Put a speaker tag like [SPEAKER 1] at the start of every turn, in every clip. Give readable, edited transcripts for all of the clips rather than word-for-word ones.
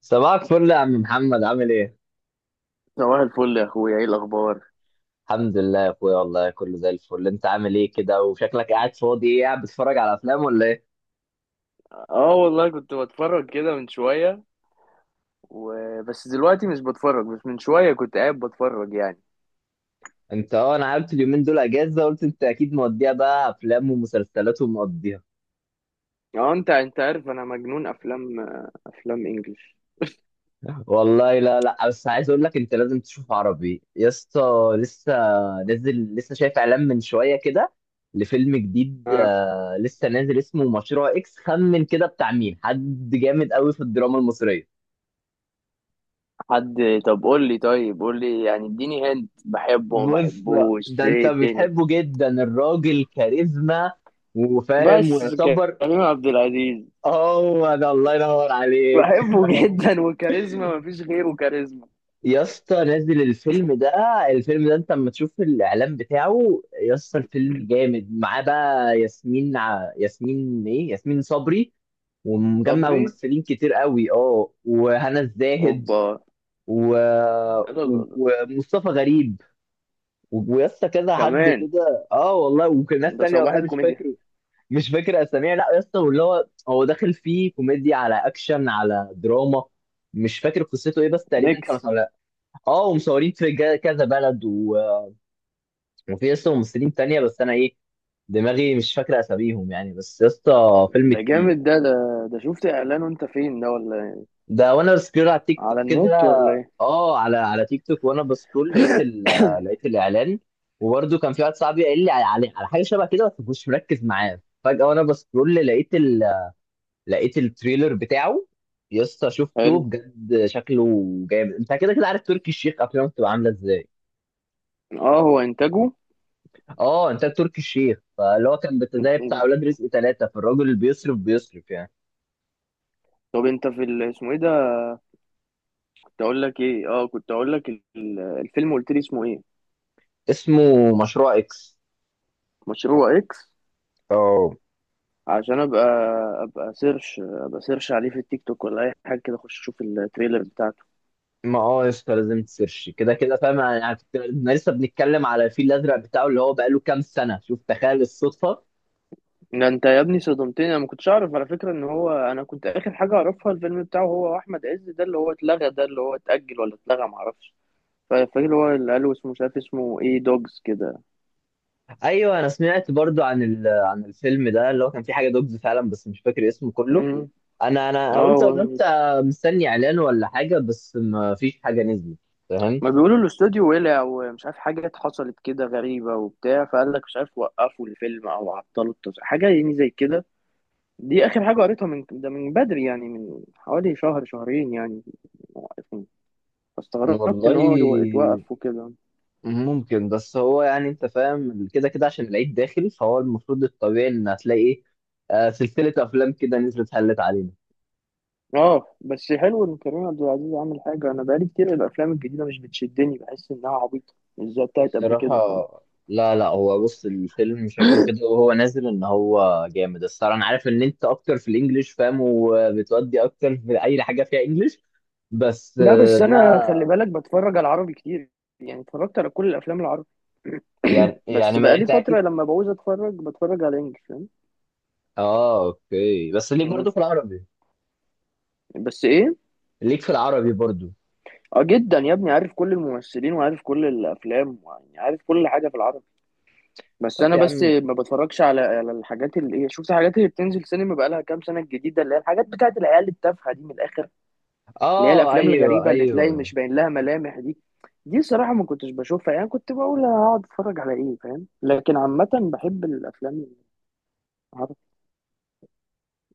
[SPEAKER 1] صباحك فل يا عم محمد، عامل ايه؟
[SPEAKER 2] صباح الفل يا اخويا، ايه الاخبار؟
[SPEAKER 1] الحمد لله يا اخويا، والله كله زي الفل. انت عامل ايه كده وشكلك قاعد فاضي، ايه قاعد بتتفرج على افلام ولا ايه؟
[SPEAKER 2] اه والله كنت بتفرج كده من شويه، وبس دلوقتي مش بتفرج، بس من شويه كنت قاعد بتفرج يعني.
[SPEAKER 1] انت اه انا عارف اليومين دول اجازه، قلت انت اكيد موديها بقى افلام ومسلسلات ومقضيها.
[SPEAKER 2] اه، انت عارف انا مجنون افلام. افلام انجلش.
[SPEAKER 1] والله لا لا، بس عايز اقول لك انت لازم تشوف عربي يا اسطى. لسه نزل، لسه شايف اعلان من شويه كده لفيلم جديد،
[SPEAKER 2] اه،
[SPEAKER 1] لسه نازل، اسمه مشروع اكس. خمن كده بتاع مين، حد جامد قوي في الدراما المصريه.
[SPEAKER 2] حد. طب قول لي طيب قول لي يعني، اديني هنت بحبه ما
[SPEAKER 1] بص،
[SPEAKER 2] بحبوش،
[SPEAKER 1] ده انت
[SPEAKER 2] ايه الدنيا؟
[SPEAKER 1] بتحبه جدا، الراجل كاريزما وفاهم
[SPEAKER 2] بس
[SPEAKER 1] ويعتبر.
[SPEAKER 2] كريم عبد العزيز.
[SPEAKER 1] هو ده، الله ينور عليك.
[SPEAKER 2] بحبه جدا، وكاريزما مفيش غيره كاريزما.
[SPEAKER 1] يا اسطى نزل الفيلم ده، الفيلم ده انت لما تشوف الاعلان بتاعه يا اسطى، الفيلم جامد. معاه بقى ياسمين ياسمين ايه، ياسمين صبري، ومجمع
[SPEAKER 2] صبري.
[SPEAKER 1] ممثلين كتير قوي، اه، وهنا الزاهد
[SPEAKER 2] اوبا.
[SPEAKER 1] و...
[SPEAKER 2] يلا، يلا، يلا.
[SPEAKER 1] ومصطفى غريب ويا اسطى كذا حد
[SPEAKER 2] كمان.
[SPEAKER 1] كده، اه والله، وكان ناس
[SPEAKER 2] ده
[SPEAKER 1] تانية
[SPEAKER 2] صباح
[SPEAKER 1] والله مش
[SPEAKER 2] الكوميديا.
[SPEAKER 1] فاكر. مش فاكر اساميها، لا يا اسطى. واللي هو هو داخل فيه كوميديا على اكشن على دراما، مش فاكر قصته ايه، بس تقريبا كانوا
[SPEAKER 2] ميكس.
[SPEAKER 1] اه، ومصورين في كذا بلد وفي يا اسطى ممثلين تانية بس انا ايه، دماغي مش فاكر اساميهم يعني، بس يا اسطى فيلم
[SPEAKER 2] ده
[SPEAKER 1] تقيل.
[SPEAKER 2] جامد ده شفت اعلانه انت فين، ده ولا ايه؟
[SPEAKER 1] ده وانا بسكرول على تيك توك
[SPEAKER 2] على
[SPEAKER 1] كده،
[SPEAKER 2] النت ولا ايه؟
[SPEAKER 1] اه على تيك توك وانا بسكرول لقيت لقيت الاعلان. وبرده كان في واحد صاحبي قال لي على حاجه شبه كده، بس مش مركز معاه، فجاه وانا بسكرول لقيت، لقيت التريلر بتاعه. يا اسطى شفته
[SPEAKER 2] حلو.
[SPEAKER 1] بجد، شكله جامد. انت كده كده عارف تركي الشيخ افلامه بتبقى عامله ازاي،
[SPEAKER 2] اه، هو انتاجه.
[SPEAKER 1] اه، انت تركي الشيخ، فاللي هو كان زي بتاع اولاد رزق ثلاثه، فالراجل اللي بيصرف بيصرف يعني.
[SPEAKER 2] طب انت في اسمه ايه ده؟ كنت اقول لك الفيلم قلت لي اسمه ايه؟
[SPEAKER 1] اسمه مشروع اكس.
[SPEAKER 2] مشروع اكس.
[SPEAKER 1] اه.
[SPEAKER 2] عشان ابقى سيرش عليه في التيك توك، ولا اي حاجه كده اخش اشوف التريلر بتاعته.
[SPEAKER 1] ما اه يا اسطى، لازم تسيرش كده كده فاهم يعني، احنا لسه بنتكلم على الفيل الازرق بتاعه اللي هو بقاله كام سنه، شوف تخيل الصدفه.
[SPEAKER 2] ده انت يا ابني صدمتني، انا ما كنتش اعرف على فكره ان هو انا كنت اخر حاجه اعرفها الفيلم بتاعه هو احمد عز ده، اللي هو اتلغى، ده اللي هو اتاجل ولا اتلغى ما اعرفش. فاكر اللي هو اللي قالوا اسمه، مش عارف اسمه ايه، دوجز كده.
[SPEAKER 1] ايوه انا سمعت برضو عن عن الفيلم ده، اللي هو كان فيه حاجه دوجز فعلا بس مش فاكر اسمه كله.
[SPEAKER 2] مم.
[SPEAKER 1] انا
[SPEAKER 2] اه.
[SPEAKER 1] قلت ان انت مستني اعلان ولا حاجه، بس ما فيش حاجه نزلت. فاهم.
[SPEAKER 2] ما بيقولوا الاستوديو ولع ومش عارف حاجات حصلت كده غريبة وبتاع، فقال لك مش عارف، وقفوا الفيلم او عطلوا التصوير حاجة يعني زي كده. دي اخر حاجة قريتها من ده، من بدري يعني، من حوالي شهر شهرين يعني. موقفين. فاستغربت
[SPEAKER 1] والله
[SPEAKER 2] ان هو اتوقف وكده.
[SPEAKER 1] ممكن، بس هو يعني انت فاهم كده كده عشان العيد داخل، فهو المفروض الطبيعي ان هتلاقي ايه، سلسله افلام كده نزلت هلت علينا.
[SPEAKER 2] اه، بس حلو ان كريم عبد العزيز عامل حاجة. انا بقالي كتير الافلام الجديدة مش بتشدني، بحس انها عبيطة، مش زي بتاعت قبل
[SPEAKER 1] الصراحه
[SPEAKER 2] كده.
[SPEAKER 1] لا لا، هو بص الفيلم شكله كده وهو نازل ان هو جامد الصراحه. انا عارف ان انت اكتر في الانجليش فاهم، وبتودي اكتر في اي حاجه فيها انجليش، بس
[SPEAKER 2] لا، بس انا خلي
[SPEAKER 1] ده
[SPEAKER 2] بالك بتفرج على عربي كتير، يعني اتفرجت على كل الافلام العربي.
[SPEAKER 1] يعني يعني،
[SPEAKER 2] بس
[SPEAKER 1] ما
[SPEAKER 2] بقالي
[SPEAKER 1] انت
[SPEAKER 2] فتره
[SPEAKER 1] اكيد.
[SPEAKER 2] لما بعوز اتفرج، بتفرج على انجلش، فاهم؟
[SPEAKER 1] اه اوكي، بس ليك
[SPEAKER 2] مم.
[SPEAKER 1] برضو في العربي.
[SPEAKER 2] بس ايه.
[SPEAKER 1] ليك في العربي برضو.
[SPEAKER 2] اه، جدا يا ابني، عارف كل الممثلين وعارف كل الافلام، يعني عارف كل حاجه في العربي. بس
[SPEAKER 1] طب
[SPEAKER 2] انا
[SPEAKER 1] يا
[SPEAKER 2] بس
[SPEAKER 1] عم،
[SPEAKER 2] ما بتفرجش على الحاجات اللي ايه، شفت الحاجات اللي بتنزل سينما بقالها كام سنه، الجديده اللي هي الحاجات بتاعت العيال التافهه دي، من الاخر. اللي هي
[SPEAKER 1] اه
[SPEAKER 2] الافلام
[SPEAKER 1] ايوه
[SPEAKER 2] الغريبه اللي تلاقي
[SPEAKER 1] ايوه.
[SPEAKER 2] مش باين لها ملامح دي. دي صراحه ما كنتش بشوفها، يعني كنت بقول هقعد اتفرج على ايه، فاهم؟ لكن عامه بحب الافلام العربي.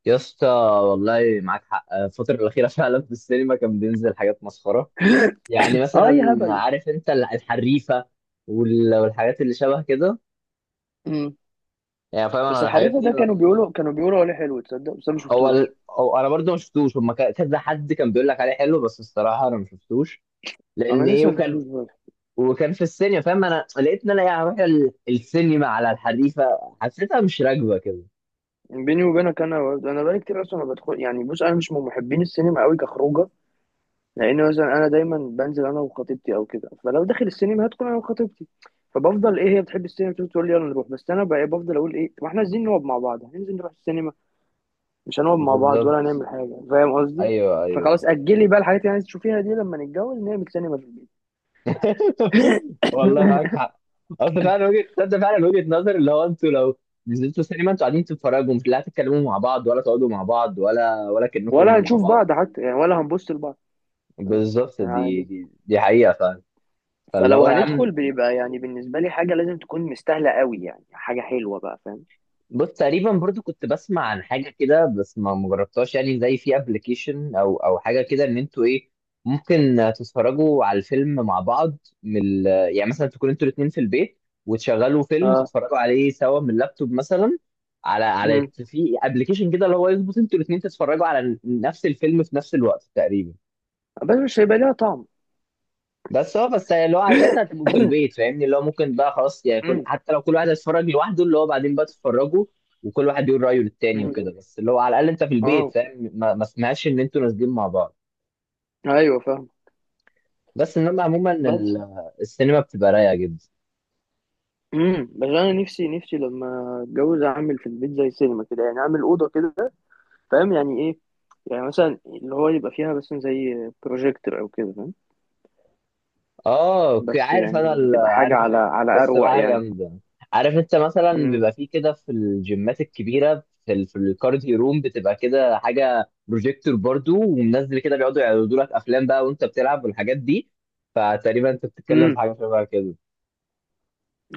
[SPEAKER 1] يا اسطى والله معاك حق، الفترة الأخيرة فعلا في السينما كان بينزل حاجات مسخرة. يعني
[SPEAKER 2] اه،
[SPEAKER 1] مثلا
[SPEAKER 2] اي هبل.
[SPEAKER 1] عارف انت الحريفة والحاجات اللي شبه كده،
[SPEAKER 2] مم.
[SPEAKER 1] يعني فاهم
[SPEAKER 2] بس
[SPEAKER 1] انا الحاجات
[SPEAKER 2] الحريفه
[SPEAKER 1] دي
[SPEAKER 2] ده كانوا بيقولوا عليه حلو، تصدق؟ بس انا ما
[SPEAKER 1] هو
[SPEAKER 2] شفتوش.
[SPEAKER 1] هو انا برضو ما شفتوش. هما كذا حد كان بيقول لك عليه حلو، بس الصراحة انا ما شفتوش. لان
[SPEAKER 2] انا
[SPEAKER 1] ايه
[SPEAKER 2] لسه ما
[SPEAKER 1] وكان،
[SPEAKER 2] شفتوش برضه.
[SPEAKER 1] وكان في السينما فاهم. انا لقيت ان انا يعني هروح السينما على الحريفه، حسيتها مش راكبه كده.
[SPEAKER 2] بيني وبينك، انا بقالي كتير اصلا ما بدخل يعني، بص انا مش من محبين السينما قوي كخروجه. لان مثلا انا دايما بنزل انا وخطيبتي او كده، فلو داخل السينما هتكون انا وخطيبتي. فبفضل ايه، هي بتحب السينما، بتقول لي يلا نروح، بس انا بقى بفضل اقول ايه، ما احنا عايزين نقعد مع بعض، هننزل نروح السينما. مش هنقعد مع بعض ولا
[SPEAKER 1] بالظبط،
[SPEAKER 2] هنعمل حاجه، فاهم قصدي؟
[SPEAKER 1] ايوه ايوه.
[SPEAKER 2] فخلاص، اجلي بقى الحاجات اللي عايز تشوفيها دي، لما نتجوز نعمل سينما في البيت.
[SPEAKER 1] والله معاك حق. اصل فعلا وجهه، تصدق فعلا وجهه نظر، اللي هو انتوا لو نزلتوا سينما انتوا قاعدين تتفرجوا، مش لا تتكلموا مع بعض ولا تقعدوا مع بعض ولا ولا
[SPEAKER 2] ولا
[SPEAKER 1] كأنكم مع
[SPEAKER 2] هنشوف
[SPEAKER 1] بعض.
[SPEAKER 2] بعض حتى يعني، ولا هنبص لبعض
[SPEAKER 1] بالظبط،
[SPEAKER 2] يعني.
[SPEAKER 1] دي حقيقه فعلا. فاللي
[SPEAKER 2] فلو
[SPEAKER 1] هو يا
[SPEAKER 2] هندخل
[SPEAKER 1] عم،
[SPEAKER 2] بيبقى يعني بالنسبه لي حاجه لازم تكون مستاهله قوي، يعني حاجه حلوه بقى، فاهم؟
[SPEAKER 1] بص تقريبا برضو كنت بسمع عن حاجه كده بس ما جربتهاش يعني، زي في ابلكيشن او حاجه كده، ان انتوا ايه ممكن تتفرجوا على الفيلم مع بعض من يعني مثلا تكونوا انتوا الاثنين في البيت، وتشغلوا فيلم
[SPEAKER 2] اه.
[SPEAKER 1] تتفرجوا عليه سوا من اللابتوب مثلا، على
[SPEAKER 2] أمم.
[SPEAKER 1] في ابلكيشن كده، اللي هو يظبط انتوا الاثنين تتفرجوا على نفس الفيلم في نفس الوقت تقريبا.
[SPEAKER 2] بس مش هيبقى ليها طعم.
[SPEAKER 1] بس هو بس، اللي هو على فكره هتبقوا في البيت فاهمني، اللي هو ممكن بقى خلاص يعني، كل، حتى لو كل واحد هيتفرج لوحده، اللي هو بعدين بقى تتفرجوا وكل واحد يقول رايه للتاني
[SPEAKER 2] مم.
[SPEAKER 1] وكده. بس اللي هو على الاقل انت في البيت
[SPEAKER 2] اه،
[SPEAKER 1] فاهم، ما سمعش ان انتوا نازلين مع بعض.
[SPEAKER 2] ايوه، فاهم.
[SPEAKER 1] بس انما عموما
[SPEAKER 2] بس
[SPEAKER 1] السينما بتبقى رايقه جدا.
[SPEAKER 2] بس انا نفسي لما اتجوز اعمل في البيت زي سينما كده، يعني اعمل اوضه كده. فاهم يعني ايه؟ يعني مثلا اللي هو يبقى فيها مثلا زي بروجيكتور او كده، فاهم؟
[SPEAKER 1] اه اوكي،
[SPEAKER 2] بس
[SPEAKER 1] عارف انا
[SPEAKER 2] يعني هتبقى حاجه
[SPEAKER 1] عارف،
[SPEAKER 2] على
[SPEAKER 1] بس
[SPEAKER 2] اروق
[SPEAKER 1] بحاجه
[SPEAKER 2] يعني.
[SPEAKER 1] جامده. عارف انت مثلا
[SPEAKER 2] امم.
[SPEAKER 1] بيبقى فيه كده في الجيمات الكبيره، في في الكارديو روم بتبقى كده حاجه بروجيكتور برضو ومنزل كده، بيقعدوا يعرضوا لك افلام بقى وانت بتلعب والحاجات دي. فتقريبا انت بتتكلم
[SPEAKER 2] امم.
[SPEAKER 1] في حاجه شبه كده.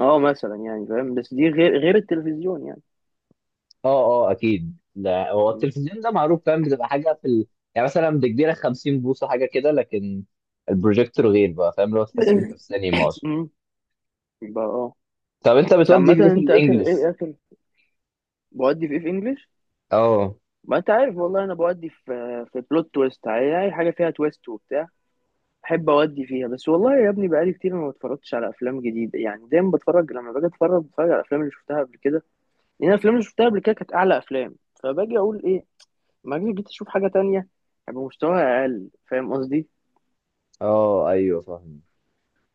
[SPEAKER 2] اه، مثلا يعني فاهم، بس دي غير التلفزيون يعني.
[SPEAKER 1] اه اه اكيد، لا هو
[SPEAKER 2] مم.
[SPEAKER 1] التلفزيون ده معروف فاهم، بتبقى حاجه في يعني مثلا بكبيره 50 بوصه حاجه كده، لكن البروجيكتور غير بقى فاهم، لو تحس انت في سينما اصلا.
[SPEAKER 2] امم. يبقى اه.
[SPEAKER 1] طب انت
[SPEAKER 2] بس
[SPEAKER 1] بتودي
[SPEAKER 2] عامه،
[SPEAKER 1] في ايه في
[SPEAKER 2] انت اخر
[SPEAKER 1] الانجليش؟
[SPEAKER 2] ايه اخر بودي في ايه في انجلش؟
[SPEAKER 1] اه
[SPEAKER 2] ما انت عارف، والله انا بودي في بلوت تويست، اي حاجه فيها تويست وبتاع. احب اودي فيها بس. والله يا ابني بقالي كتير ما بتفرجتش على افلام جديده، يعني دايما بتفرج، لما باجي اتفرج بتفرج على الافلام اللي شفتها قبل كده. لان الافلام اللي شفتها قبل كده كانت اعلى افلام. فباجي اقول ايه، ما اجي جيت اشوف حاجه تانية، هيبقى مستواها اقل، فاهم قصدي؟
[SPEAKER 1] اه ايوه فاهم.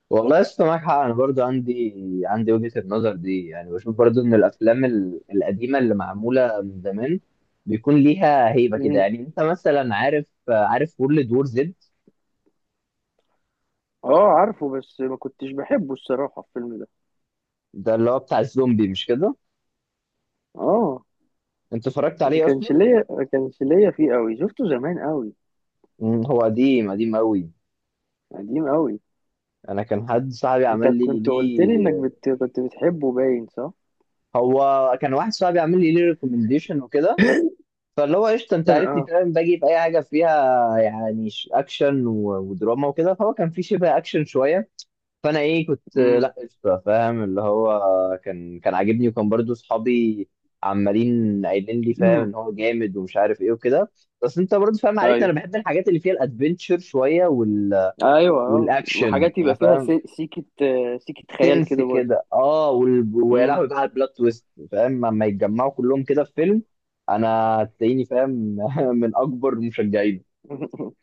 [SPEAKER 1] والله يا اسطى معاك حق، انا برضو عندي وجهة النظر دي. يعني بشوف برضو ان الافلام القديمة اللي معمولة من زمان بيكون ليها هيبة كده.
[SPEAKER 2] مم.
[SPEAKER 1] يعني انت مثلا عارف، وورلد وور زد،
[SPEAKER 2] اه، عارفه بس ما كنتش بحبه الصراحه الفيلم ده.
[SPEAKER 1] ده اللي هو بتاع الزومبي مش كده،
[SPEAKER 2] اه.
[SPEAKER 1] انت اتفرجت
[SPEAKER 2] ما
[SPEAKER 1] عليه اصلا؟
[SPEAKER 2] كانش ليا ما كانش ليا فيه قوي، شفته زمان قوي.
[SPEAKER 1] مم، هو قديم قديم قوي.
[SPEAKER 2] قديم قوي.
[SPEAKER 1] انا كان حد صاحبي
[SPEAKER 2] انت
[SPEAKER 1] عمل لي
[SPEAKER 2] كنت قلت لي انك
[SPEAKER 1] ليه،
[SPEAKER 2] كنت بتحبه باين، صح؟
[SPEAKER 1] هو كان واحد صاحبي عامل لي ليه ريكومنديشن وكده. فاللي هو قشطه، انت عارفني
[SPEAKER 2] اه.
[SPEAKER 1] فاهم باجي في اي حاجه فيها، يعني اكشن ودراما وكده، فهو كان في شبه اكشن شويه، فانا ايه كنت
[SPEAKER 2] امم.
[SPEAKER 1] لا قشطه فاهم، اللي هو كان عاجبني، وكان برضو صحابي عمالين قايلين لي فاهم ان هو جامد ومش عارف ايه وكده. بس انت برضو فاهم، عارفني انا
[SPEAKER 2] ايوه،
[SPEAKER 1] بحب الحاجات اللي فيها الادفنتشر شويه
[SPEAKER 2] ايوه. آه.
[SPEAKER 1] والاكشن
[SPEAKER 2] وحاجات
[SPEAKER 1] يعني
[SPEAKER 2] يبقى فيها
[SPEAKER 1] فاهم،
[SPEAKER 2] سيكة خيال
[SPEAKER 1] سنس
[SPEAKER 2] كده برضه.
[SPEAKER 1] كده اه ويا
[SPEAKER 2] مم.
[SPEAKER 1] لهوي بقى على البلوت تويست فاهم، لما يتجمعوا كلهم كده في فيلم انا تلاقيني فاهم من اكبر مشجعينه.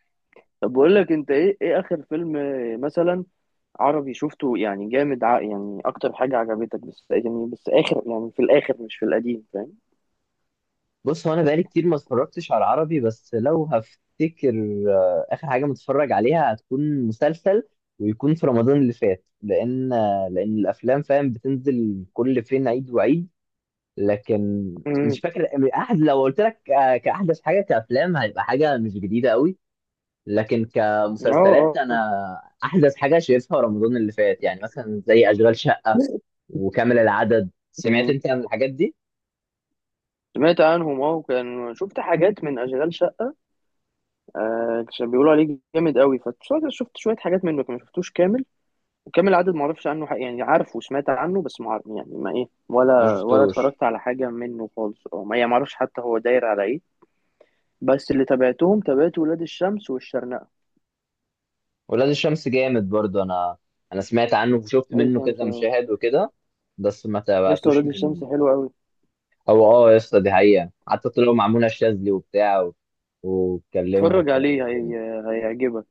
[SPEAKER 2] طب بقول لك انت ايه اخر فيلم مثلا عربي شفته، يعني جامد، يعني اكتر حاجة عجبتك، بس يعني اخر يعني، في الاخر مش في القديم، فاهم؟
[SPEAKER 1] بص هو انا بقالي كتير ما اتفرجتش على العربي، بس لو هفتكر اخر حاجه متفرج عليها هتكون مسلسل ويكون في رمضان اللي فات. لان لان الافلام فاهم بتنزل كل فين عيد وعيد، لكن مش
[SPEAKER 2] مم.
[SPEAKER 1] فاكر احد. لو قلت لك كاحدث حاجه كافلام هيبقى حاجه مش جديده قوي، لكن كمسلسلات
[SPEAKER 2] اه، اه.
[SPEAKER 1] انا احدث حاجه شايفها رمضان اللي فات. يعني مثلا زي اشغال شقه وكامل العدد، سمعت
[SPEAKER 2] مم.
[SPEAKER 1] انت عن الحاجات دي؟
[SPEAKER 2] سمعت عنهم اه، وكان شفت حاجات من اشغال شقة. آه، كان بيقولوا عليه جامد قوي، فشفت شوية حاجات منه، ما شفتوش كامل. وكامل العدد ما اعرفش عنه حق يعني، عارفه وسمعت عنه بس ما عارف يعني، ما ايه
[SPEAKER 1] ما
[SPEAKER 2] ولا
[SPEAKER 1] شفتوش
[SPEAKER 2] اتفرجت على حاجه منه خالص، او ما يعني ما اعرفش حتى هو داير على ايه. بس اللي تابعتهم، تابعت ولاد الشمس والشرنقه.
[SPEAKER 1] ولاد الشمس جامد برضه. انا انا سمعت عنه وشفت
[SPEAKER 2] ولاد
[SPEAKER 1] منه
[SPEAKER 2] الشمس.
[SPEAKER 1] كده
[SPEAKER 2] آه.
[SPEAKER 1] مشاهد وكده بس ما
[SPEAKER 2] لسه
[SPEAKER 1] تابعتوش
[SPEAKER 2] ولاد الشمس
[SPEAKER 1] من.
[SPEAKER 2] حلو قوي.
[SPEAKER 1] او اه يا اسطى دي حقيقه، حتى طلعوا مع منى الشاذلي وبتاع واتكلموا
[SPEAKER 2] اتفرج
[SPEAKER 1] والكلام
[SPEAKER 2] عليه.
[SPEAKER 1] الجامد.
[SPEAKER 2] هيعجبك.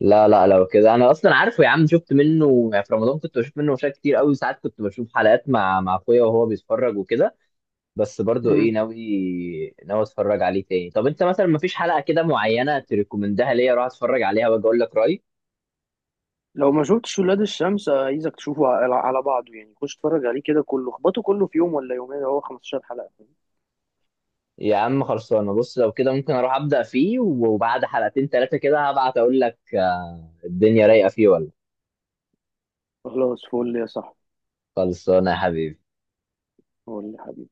[SPEAKER 1] لا لا لو كده انا اصلا عارفه يا عم، شفت منه يعني في رمضان، كنت بشوف منه مشاهد كتير قوي، ساعات كنت بشوف حلقات مع اخويا وهو بيتفرج وكده. بس برضو ايه،
[SPEAKER 2] مم.
[SPEAKER 1] ناوي اتفرج عليه تاني. طب انت مثلا مفيش حلقة كده معينة تريكومندها ليا اروح اتفرج عليها واجي اقول لك رأيي؟
[SPEAKER 2] لو ما شفتش ولاد الشمس، عايزك تشوفه على بعضه يعني، خش اتفرج عليه كده كله، اخبطه كله في يوم ولا يومين، هو 15 حلقه.
[SPEAKER 1] يا عم خلصانه، بص لو كده ممكن اروح ابدأ فيه وبعد حلقتين ثلاثة كده هبعت اقول لك الدنيا رايقة فيه ولا.
[SPEAKER 2] خلاص فل يا صاحبي.
[SPEAKER 1] خلصانه يا حبيبي.
[SPEAKER 2] فل.